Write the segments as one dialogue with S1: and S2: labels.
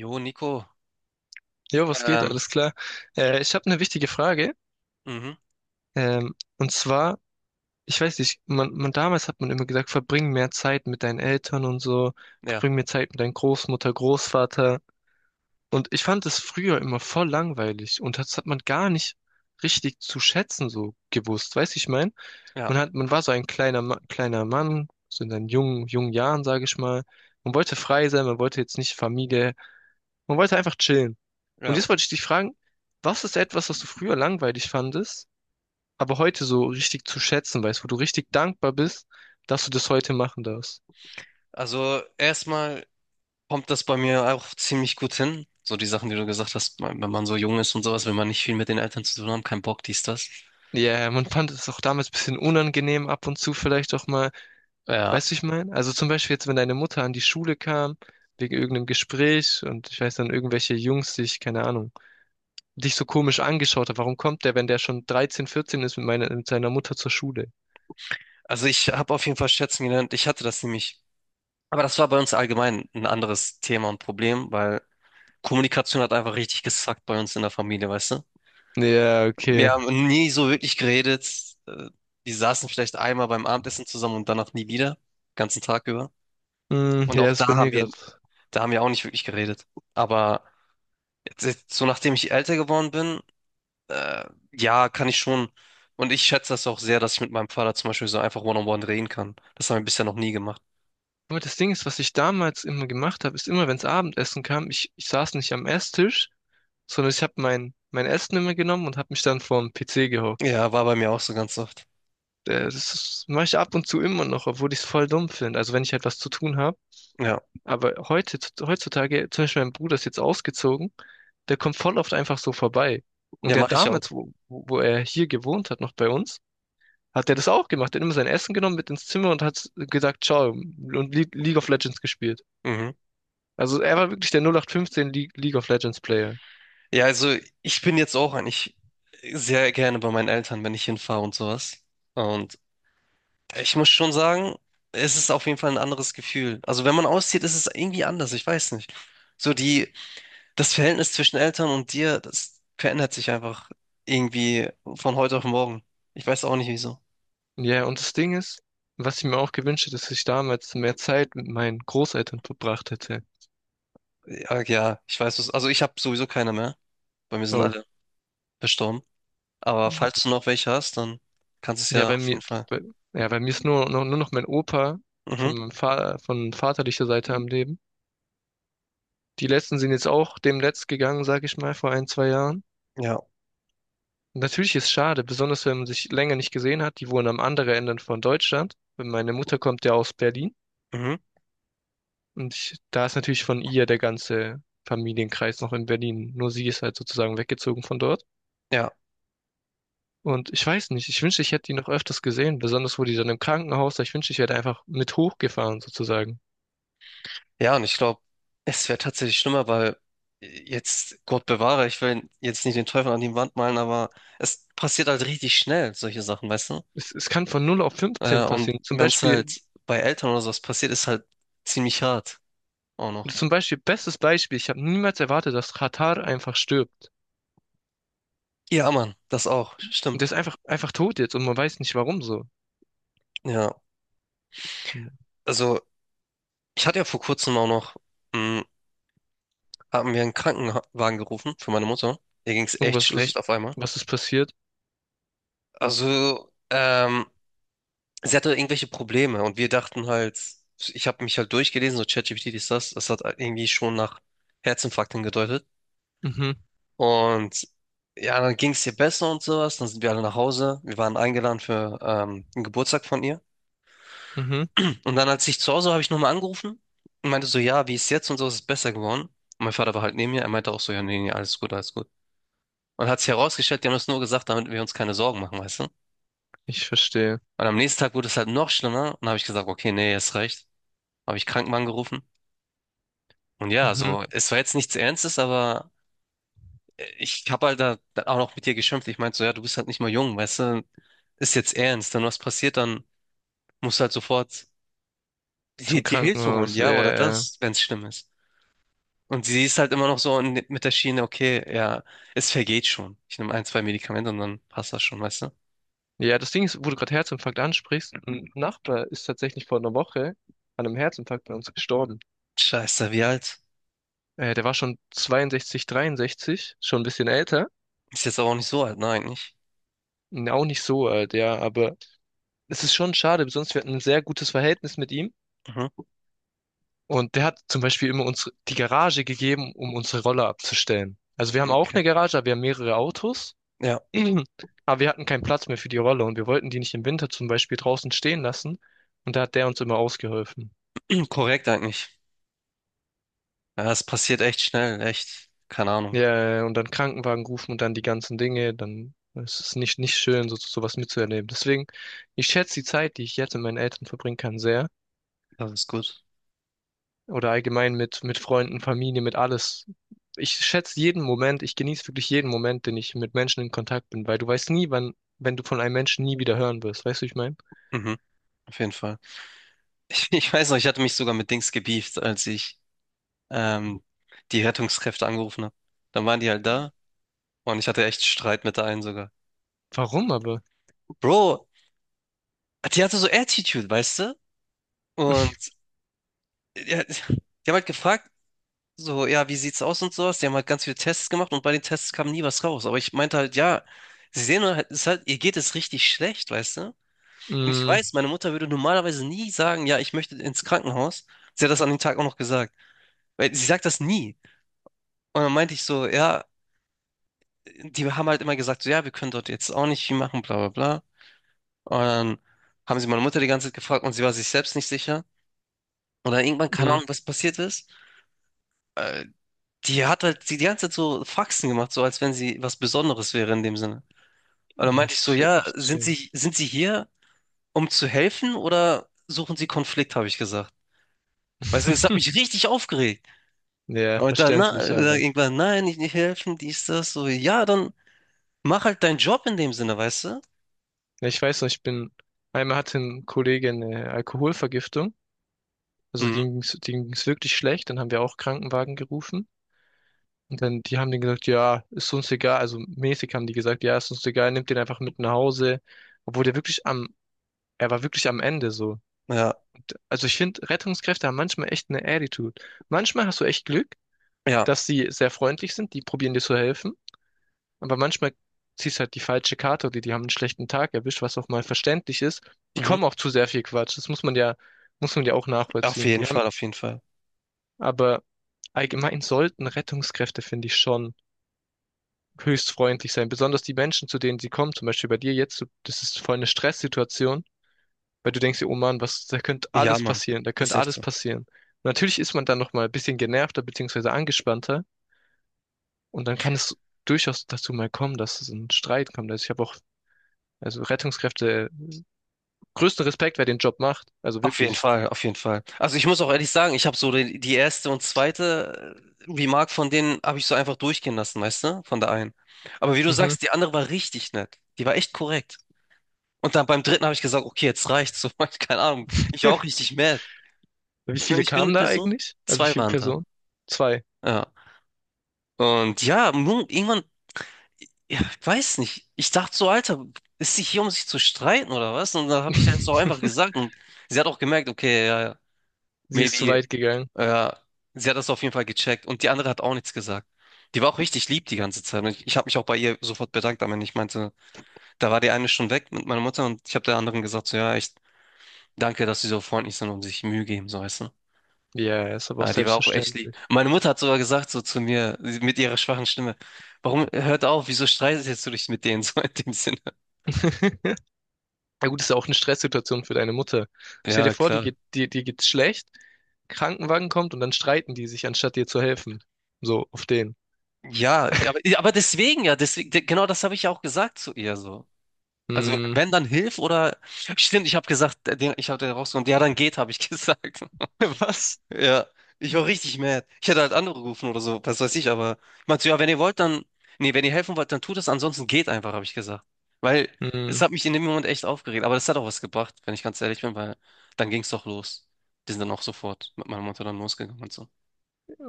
S1: Jo, Nico,
S2: Jo, was geht?
S1: ähm,
S2: Alles klar. Ich habe eine wichtige Frage.
S1: mhm,
S2: Und zwar, ich weiß nicht, man damals hat man immer gesagt, verbring mehr Zeit mit deinen Eltern und so,
S1: ja,
S2: verbring mehr Zeit mit deinen Großmutter, Großvater. Und ich fand es früher immer voll langweilig und das hat man gar nicht richtig zu schätzen so gewusst. Weißt du, ich mein, man
S1: ja,
S2: hat, man war so ein kleiner, Ma kleiner Mann, so in seinen jungen, jungen Jahren, sage ich mal. Man wollte frei sein, man wollte jetzt nicht Familie. Man wollte einfach chillen. Und
S1: ja.
S2: jetzt wollte ich dich fragen, was ist etwas, was du früher langweilig fandest, aber heute so richtig zu schätzen weißt, wo du richtig dankbar bist, dass du das heute machen darfst?
S1: Also erstmal kommt das bei mir auch ziemlich gut hin. So die Sachen, die du gesagt hast, wenn man so jung ist und sowas, wenn man nicht viel mit den Eltern zu tun haben, kein Bock, dies, das.
S2: Ja, yeah, man fand es auch damals ein bisschen unangenehm ab und zu vielleicht auch mal.
S1: Ja,
S2: Weißt du, ich meine? Also zum Beispiel jetzt, wenn deine Mutter an die Schule kam, wegen irgendeinem Gespräch und ich weiß dann, irgendwelche Jungs dich, keine Ahnung, dich so komisch angeschaut hat. Warum kommt der, wenn der schon 13, 14 ist mit meiner, mit seiner Mutter zur Schule?
S1: also ich habe auf jeden Fall schätzen gelernt. Ich hatte das nämlich, aber das war bei uns allgemein ein anderes Thema und Problem, weil Kommunikation hat einfach richtig gesackt bei uns in der Familie, weißt du?
S2: Ja,
S1: Wir
S2: okay.
S1: haben nie so wirklich geredet. Die saßen vielleicht einmal beim Abendessen zusammen und danach nie wieder, ganzen Tag über.
S2: Hm,
S1: Und
S2: ja,
S1: auch
S2: ist bei mir gerade.
S1: da haben wir auch nicht wirklich geredet. Aber jetzt, so nachdem ich älter geworden bin, äh, ja, kann ich schon. Und ich schätze das auch sehr, dass ich mit meinem Vater zum Beispiel so einfach One-on-One reden kann. Das haben wir bisher noch nie gemacht.
S2: Nur das Ding ist, was ich damals immer gemacht habe, ist immer, wenn es Abendessen kam, ich saß nicht am Esstisch, sondern ich habe mein Essen immer genommen und habe mich dann vorm PC gehockt.
S1: Ja, war bei mir auch so ganz oft.
S2: Das mache ich ab und zu immer noch, obwohl ich es voll dumm finde. Also wenn ich halt was zu tun habe.
S1: Ja,
S2: Aber heute, heutzutage, zum Beispiel mein Bruder ist jetzt ausgezogen, der kommt voll oft einfach so vorbei.
S1: ja,
S2: Und der
S1: mache ich auch.
S2: damals, wo er hier gewohnt hat, noch bei uns, hat der das auch gemacht. Der hat immer sein Essen genommen mit ins Zimmer und hat gesagt, ciao, und Le League of Legends gespielt.
S1: Mhm.
S2: Also er war wirklich der 0815 Le League of Legends Player.
S1: Ja, also ich bin jetzt auch eigentlich sehr gerne bei meinen Eltern, wenn ich hinfahre und sowas. Und ich muss schon sagen, es ist auf jeden Fall ein anderes Gefühl. Also wenn man auszieht, ist es irgendwie anders. Ich weiß nicht. So die das Verhältnis zwischen Eltern und dir, das verändert sich einfach irgendwie von heute auf morgen. Ich weiß auch nicht wieso.
S2: Ja, und das Ding ist, was ich mir auch gewünscht hätte, dass ich damals mehr Zeit mit meinen Großeltern verbracht hätte.
S1: Ja, ja, ich weiß es. Also ich habe sowieso keine mehr. Bei mir sind
S2: Oh.
S1: alle verstorben. Aber
S2: Ja,
S1: falls du noch welche hast, dann kannst du es
S2: ja,
S1: ja auf jeden Fall.
S2: bei, ja, weil mir ist nur noch mein Opa
S1: Mhm.
S2: von, meinem Fa von vaterlicher Seite am Leben. Die letzten sind jetzt auch demnächst gegangen, sage ich mal, vor ein, zwei Jahren.
S1: Ja.
S2: Natürlich ist schade, besonders wenn man sich länger nicht gesehen hat. Die wohnen am anderen Ende von Deutschland. Meine Mutter kommt ja aus Berlin.
S1: Mhm.
S2: Und ich, da ist natürlich von ihr der ganze Familienkreis noch in Berlin. Nur sie ist halt sozusagen weggezogen von dort.
S1: Ja.
S2: Und ich weiß nicht, ich wünschte, ich hätte die noch öfters gesehen, besonders wo die dann im Krankenhaus war. Ich wünschte, ich wäre da einfach mit hochgefahren sozusagen.
S1: Ja, und ich glaube, es wäre tatsächlich schlimmer, weil jetzt, Gott bewahre, ich will jetzt nicht den Teufel an die Wand malen, aber es passiert halt richtig schnell, solche Sachen, weißt du?
S2: Es kann von null auf fünfzehn
S1: Und
S2: passieren. Zum
S1: wenn es
S2: Beispiel,
S1: halt bei Eltern oder sowas passiert, ist halt ziemlich hart. Auch noch.
S2: zum Beispiel, bestes Beispiel, ich habe niemals erwartet, dass Katar einfach stirbt.
S1: Ja, Mann, das auch.
S2: Und der
S1: Stimmt.
S2: ist einfach tot jetzt und man weiß nicht warum so.
S1: Ja. Also, ich hatte ja vor kurzem auch noch, mh, haben wir einen Krankenwagen gerufen für meine Mutter. Ihr ging es echt
S2: Irgendwas ist,
S1: schlecht auf einmal.
S2: was ist passiert?
S1: Also, sie hatte irgendwelche Probleme und wir dachten halt, ich habe mich halt durchgelesen, so ChatGPT ist das, das hat irgendwie schon nach Herzinfarkt hingedeutet.
S2: Mhm,
S1: Und ja, dann ging es ihr besser und sowas. Dann sind wir alle nach Hause. Wir waren eingeladen für einen Geburtstag von ihr.
S2: mhm,
S1: Und dann, als ich zu Hause war, habe ich nochmal angerufen und meinte so, ja, wie ist jetzt und so, ist es besser geworden. Und mein Vater war halt neben mir, er meinte auch so, ja, nee, nee, alles gut, alles gut. Und hat sich herausgestellt, die haben das nur gesagt, damit wir uns keine Sorgen machen, weißt du?
S2: ich verstehe.
S1: Und am nächsten Tag wurde es halt noch schlimmer und habe ich gesagt, okay, nee, ist recht. Habe ich Krankenwagen gerufen. Und ja,
S2: Mhm.
S1: so, es war jetzt nichts Ernstes, aber ich habe halt da auch noch mit dir geschimpft. Ich meinte so, ja, du bist halt nicht mal jung, weißt du? Ist jetzt ernst. Wenn was passiert, dann musst du halt sofort dir,
S2: Zum
S1: dir Hilfe holen,
S2: Krankenhaus, ja,
S1: ja, oder
S2: ja, ja.
S1: das, wenn es schlimm ist. Und sie ist halt immer noch so in- mit der Schiene, okay, ja, es vergeht schon. Ich nehme ein, zwei Medikamente und dann passt das schon, weißt du?
S2: Ja, das Ding ist, wo du gerade Herzinfarkt ansprichst, ein Nachbar ist tatsächlich vor einer Woche an einem Herzinfarkt bei uns gestorben.
S1: Scheiße, wie alt?
S2: Der war schon 62, 63, schon ein bisschen älter.
S1: Ist jetzt aber auch nicht so alt, ne, eigentlich.
S2: Auch nicht so alt, ja, aber es ist schon schade, sonst wir hatten ein sehr gutes Verhältnis mit ihm.
S1: Mhm,
S2: Und der hat zum Beispiel immer uns die Garage gegeben, um unsere Roller abzustellen. Also wir haben auch
S1: okay.
S2: eine Garage, aber wir haben mehrere Autos.
S1: Ja,
S2: Aber wir hatten keinen Platz mehr für die Roller und wir wollten die nicht im Winter zum Beispiel draußen stehen lassen. Und da hat der uns immer ausgeholfen.
S1: korrekt eigentlich. Ja, es passiert echt schnell, echt. Keine Ahnung.
S2: Ja, ja, ja, und dann Krankenwagen rufen und dann die ganzen Dinge, dann ist es nicht schön, so, sowas mitzuerleben. Deswegen, ich schätze die Zeit, die ich jetzt mit meinen Eltern verbringen kann, sehr.
S1: Das ist gut.
S2: Oder allgemein mit Freunden, Familie, mit alles. Ich schätze jeden Moment, ich genieße wirklich jeden Moment, den ich mit Menschen in Kontakt bin, weil du weißt nie, wann, wenn du von einem Menschen nie wieder hören wirst. Weißt du, wie ich meine?
S1: Mhm, auf jeden Fall. Ich weiß noch, ich hatte mich sogar mit Dings gebieft, als ich ähm, die Rettungskräfte angerufen habe. Dann waren die halt da und ich hatte echt Streit mit der einen sogar.
S2: Warum aber?
S1: Bro, die hatte so Attitude, weißt du? Und ja, die haben halt gefragt, so, ja, wie sieht's aus und sowas. Die haben halt ganz viele Tests gemacht und bei den Tests kam nie was raus. Aber ich meinte halt, ja, sie sehen halt, es ist halt, ihr geht es richtig schlecht, weißt du? Und ich
S2: Mm,
S1: weiß, meine Mutter würde normalerweise nie sagen, ja, ich möchte ins Krankenhaus. Sie hat das an dem Tag auch noch gesagt. Weil sie sagt das nie. Und dann meinte ich so, ja, die haben halt immer gesagt, so, ja, wir können dort jetzt auch nicht viel machen, bla, bla, bla. Und dann haben sie meine Mutter die ganze Zeit gefragt und sie war sich selbst nicht sicher. Und dann irgendwann, keine
S2: mm,
S1: Ahnung, was passiert ist. Äh, Die hat halt die ganze Zeit so Faxen gemacht, so als wenn sie was Besonderes wäre in dem Sinne. Und dann meinte
S2: ich
S1: ich so,
S2: chill,
S1: ja,
S2: ich
S1: sind
S2: chill.
S1: Sie, sind Sie hier, um zu helfen oder suchen Sie Konflikt, habe ich gesagt. Weißt du, es hat mich richtig aufgeregt.
S2: Ja,
S1: Und dann,
S2: verständlich, aber.
S1: irgendwann, nein, ich nicht helfen, dies, das, so, ja, dann mach halt deinen Job in dem Sinne, weißt du?
S2: Ja, ich weiß noch, einmal hatte ein Kollege eine Alkoholvergiftung. Also
S1: Mhm.
S2: denen ging's wirklich schlecht. Dann haben wir auch Krankenwagen gerufen. Und dann, die haben denen gesagt, ja, ist uns egal. Also mäßig haben die gesagt, ja, ist uns egal, nimmt den einfach mit nach Hause. Obwohl der wirklich am, er war wirklich am Ende so.
S1: Ja,
S2: Und, also ich finde, Rettungskräfte haben manchmal echt eine Attitude. Manchmal hast du echt Glück,
S1: ja,
S2: dass sie sehr freundlich sind, die probieren dir zu helfen. Aber manchmal ziehst halt die falsche Karte oder die haben einen schlechten Tag erwischt, was auch mal verständlich ist. Die
S1: mhm.
S2: kommen auch zu sehr viel Quatsch. Das muss man ja auch
S1: Auf
S2: nachvollziehen.
S1: jeden
S2: Die haben,
S1: Fall, auf jeden Fall.
S2: aber allgemein sollten Rettungskräfte, finde ich, schon höchst freundlich sein. Besonders die Menschen, zu denen sie kommen, zum Beispiel bei dir jetzt, das ist voll eine Stresssituation, weil du denkst dir, oh Mann, was, da könnte
S1: Ja,
S2: alles
S1: Mann,
S2: passieren, da
S1: ist
S2: könnte
S1: echt
S2: alles
S1: so.
S2: passieren. Und natürlich ist man dann noch mal ein bisschen genervter beziehungsweise angespannter und dann kann es durchaus dazu mal kommen, dass es einen Streit kommt. Also ich habe auch. Also Rettungskräfte, größten Respekt, wer den Job macht. Also
S1: Auf jeden
S2: wirklich.
S1: Fall, auf jeden Fall. Also ich muss auch ehrlich sagen, ich habe so die erste und zweite Remark von denen habe ich so einfach durchgehen lassen, weißt du, von der einen. Aber wie du
S2: Mhm.
S1: sagst, die andere war richtig nett. Die war echt korrekt. Und dann beim dritten habe ich gesagt, okay, jetzt reicht's. So, keine Ahnung, ich war auch richtig mad.
S2: Wie
S1: Und
S2: viele
S1: ich bin eine
S2: kamen da
S1: Person,
S2: eigentlich? Also wie
S1: zwei
S2: viele
S1: waren da.
S2: Personen? Zwei.
S1: Ja. Und ja, nun, irgendwann, ja, ich weiß nicht. Ich dachte so, Alter, ist sie hier, um sich zu streiten oder was? Und dann habe ich das auch einfach gesagt und sie hat auch gemerkt, okay, ja, ja.
S2: Sie ist zu
S1: Maybe
S2: weit gegangen.
S1: ja, sie hat das auf jeden Fall gecheckt und die andere hat auch nichts gesagt. Die war auch richtig lieb die ganze Zeit und ich habe mich auch bei ihr sofort bedankt, aber ich meinte, da war die eine schon weg mit meiner Mutter und ich habe der anderen gesagt, so ja, echt danke, dass sie so freundlich sind und sich Mühe geben, so weißt du.
S2: Ja, ist aber auch
S1: Ja, die war auch echt lieb.
S2: selbstverständlich.
S1: Meine Mutter hat sogar gesagt so zu mir sie- mit ihrer schwachen Stimme, warum hört auf, wieso streitest du dich mit denen so in dem Sinne?
S2: Na gut, ist ja auch eine Stresssituation für deine Mutter. Stell dir
S1: Ja,
S2: vor, die
S1: klar.
S2: geht, die, die geht's schlecht, Krankenwagen kommt und dann streiten die sich, anstatt dir zu helfen. So, auf den.
S1: Ja, aber deswegen ja, deswegen, genau das habe ich ja auch gesagt zu ihr so. Also
S2: Hm,
S1: wenn, dann Hilf oder... Stimmt, ich habe gesagt, der- den, ich habe den rausgenommen. Ja, dann geht, habe ich gesagt.
S2: was?
S1: Ja, ich war richtig mad. Ich hätte halt angerufen oder so, was weiß ich, aber ich meinte so, ja, wenn ihr wollt, dann, nee, wenn ihr helfen wollt, dann tut es, ansonsten geht einfach, habe ich gesagt. Weil es
S2: Hm,
S1: hat mich in dem Moment echt aufgeregt, aber das hat auch was gebracht, wenn ich ganz ehrlich bin, weil dann ging es doch los. Die sind dann auch sofort mit meiner Mutter dann losgegangen und so.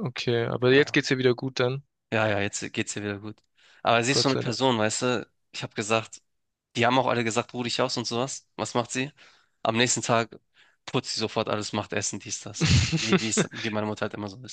S2: okay, aber jetzt
S1: Ja,
S2: geht's ihr wieder gut dann.
S1: ja, ja, jetzt geht's ihr wieder gut. Aber sie ist
S2: Gott
S1: so eine
S2: sei Dank.
S1: Person, weißt du, ich habe gesagt, die haben auch alle gesagt, ruh dich aus und sowas. Was macht sie? Am nächsten Tag putzt sie sofort alles, macht Essen, dies, das. Wie, wie es, wie meine Mutter halt immer so ist.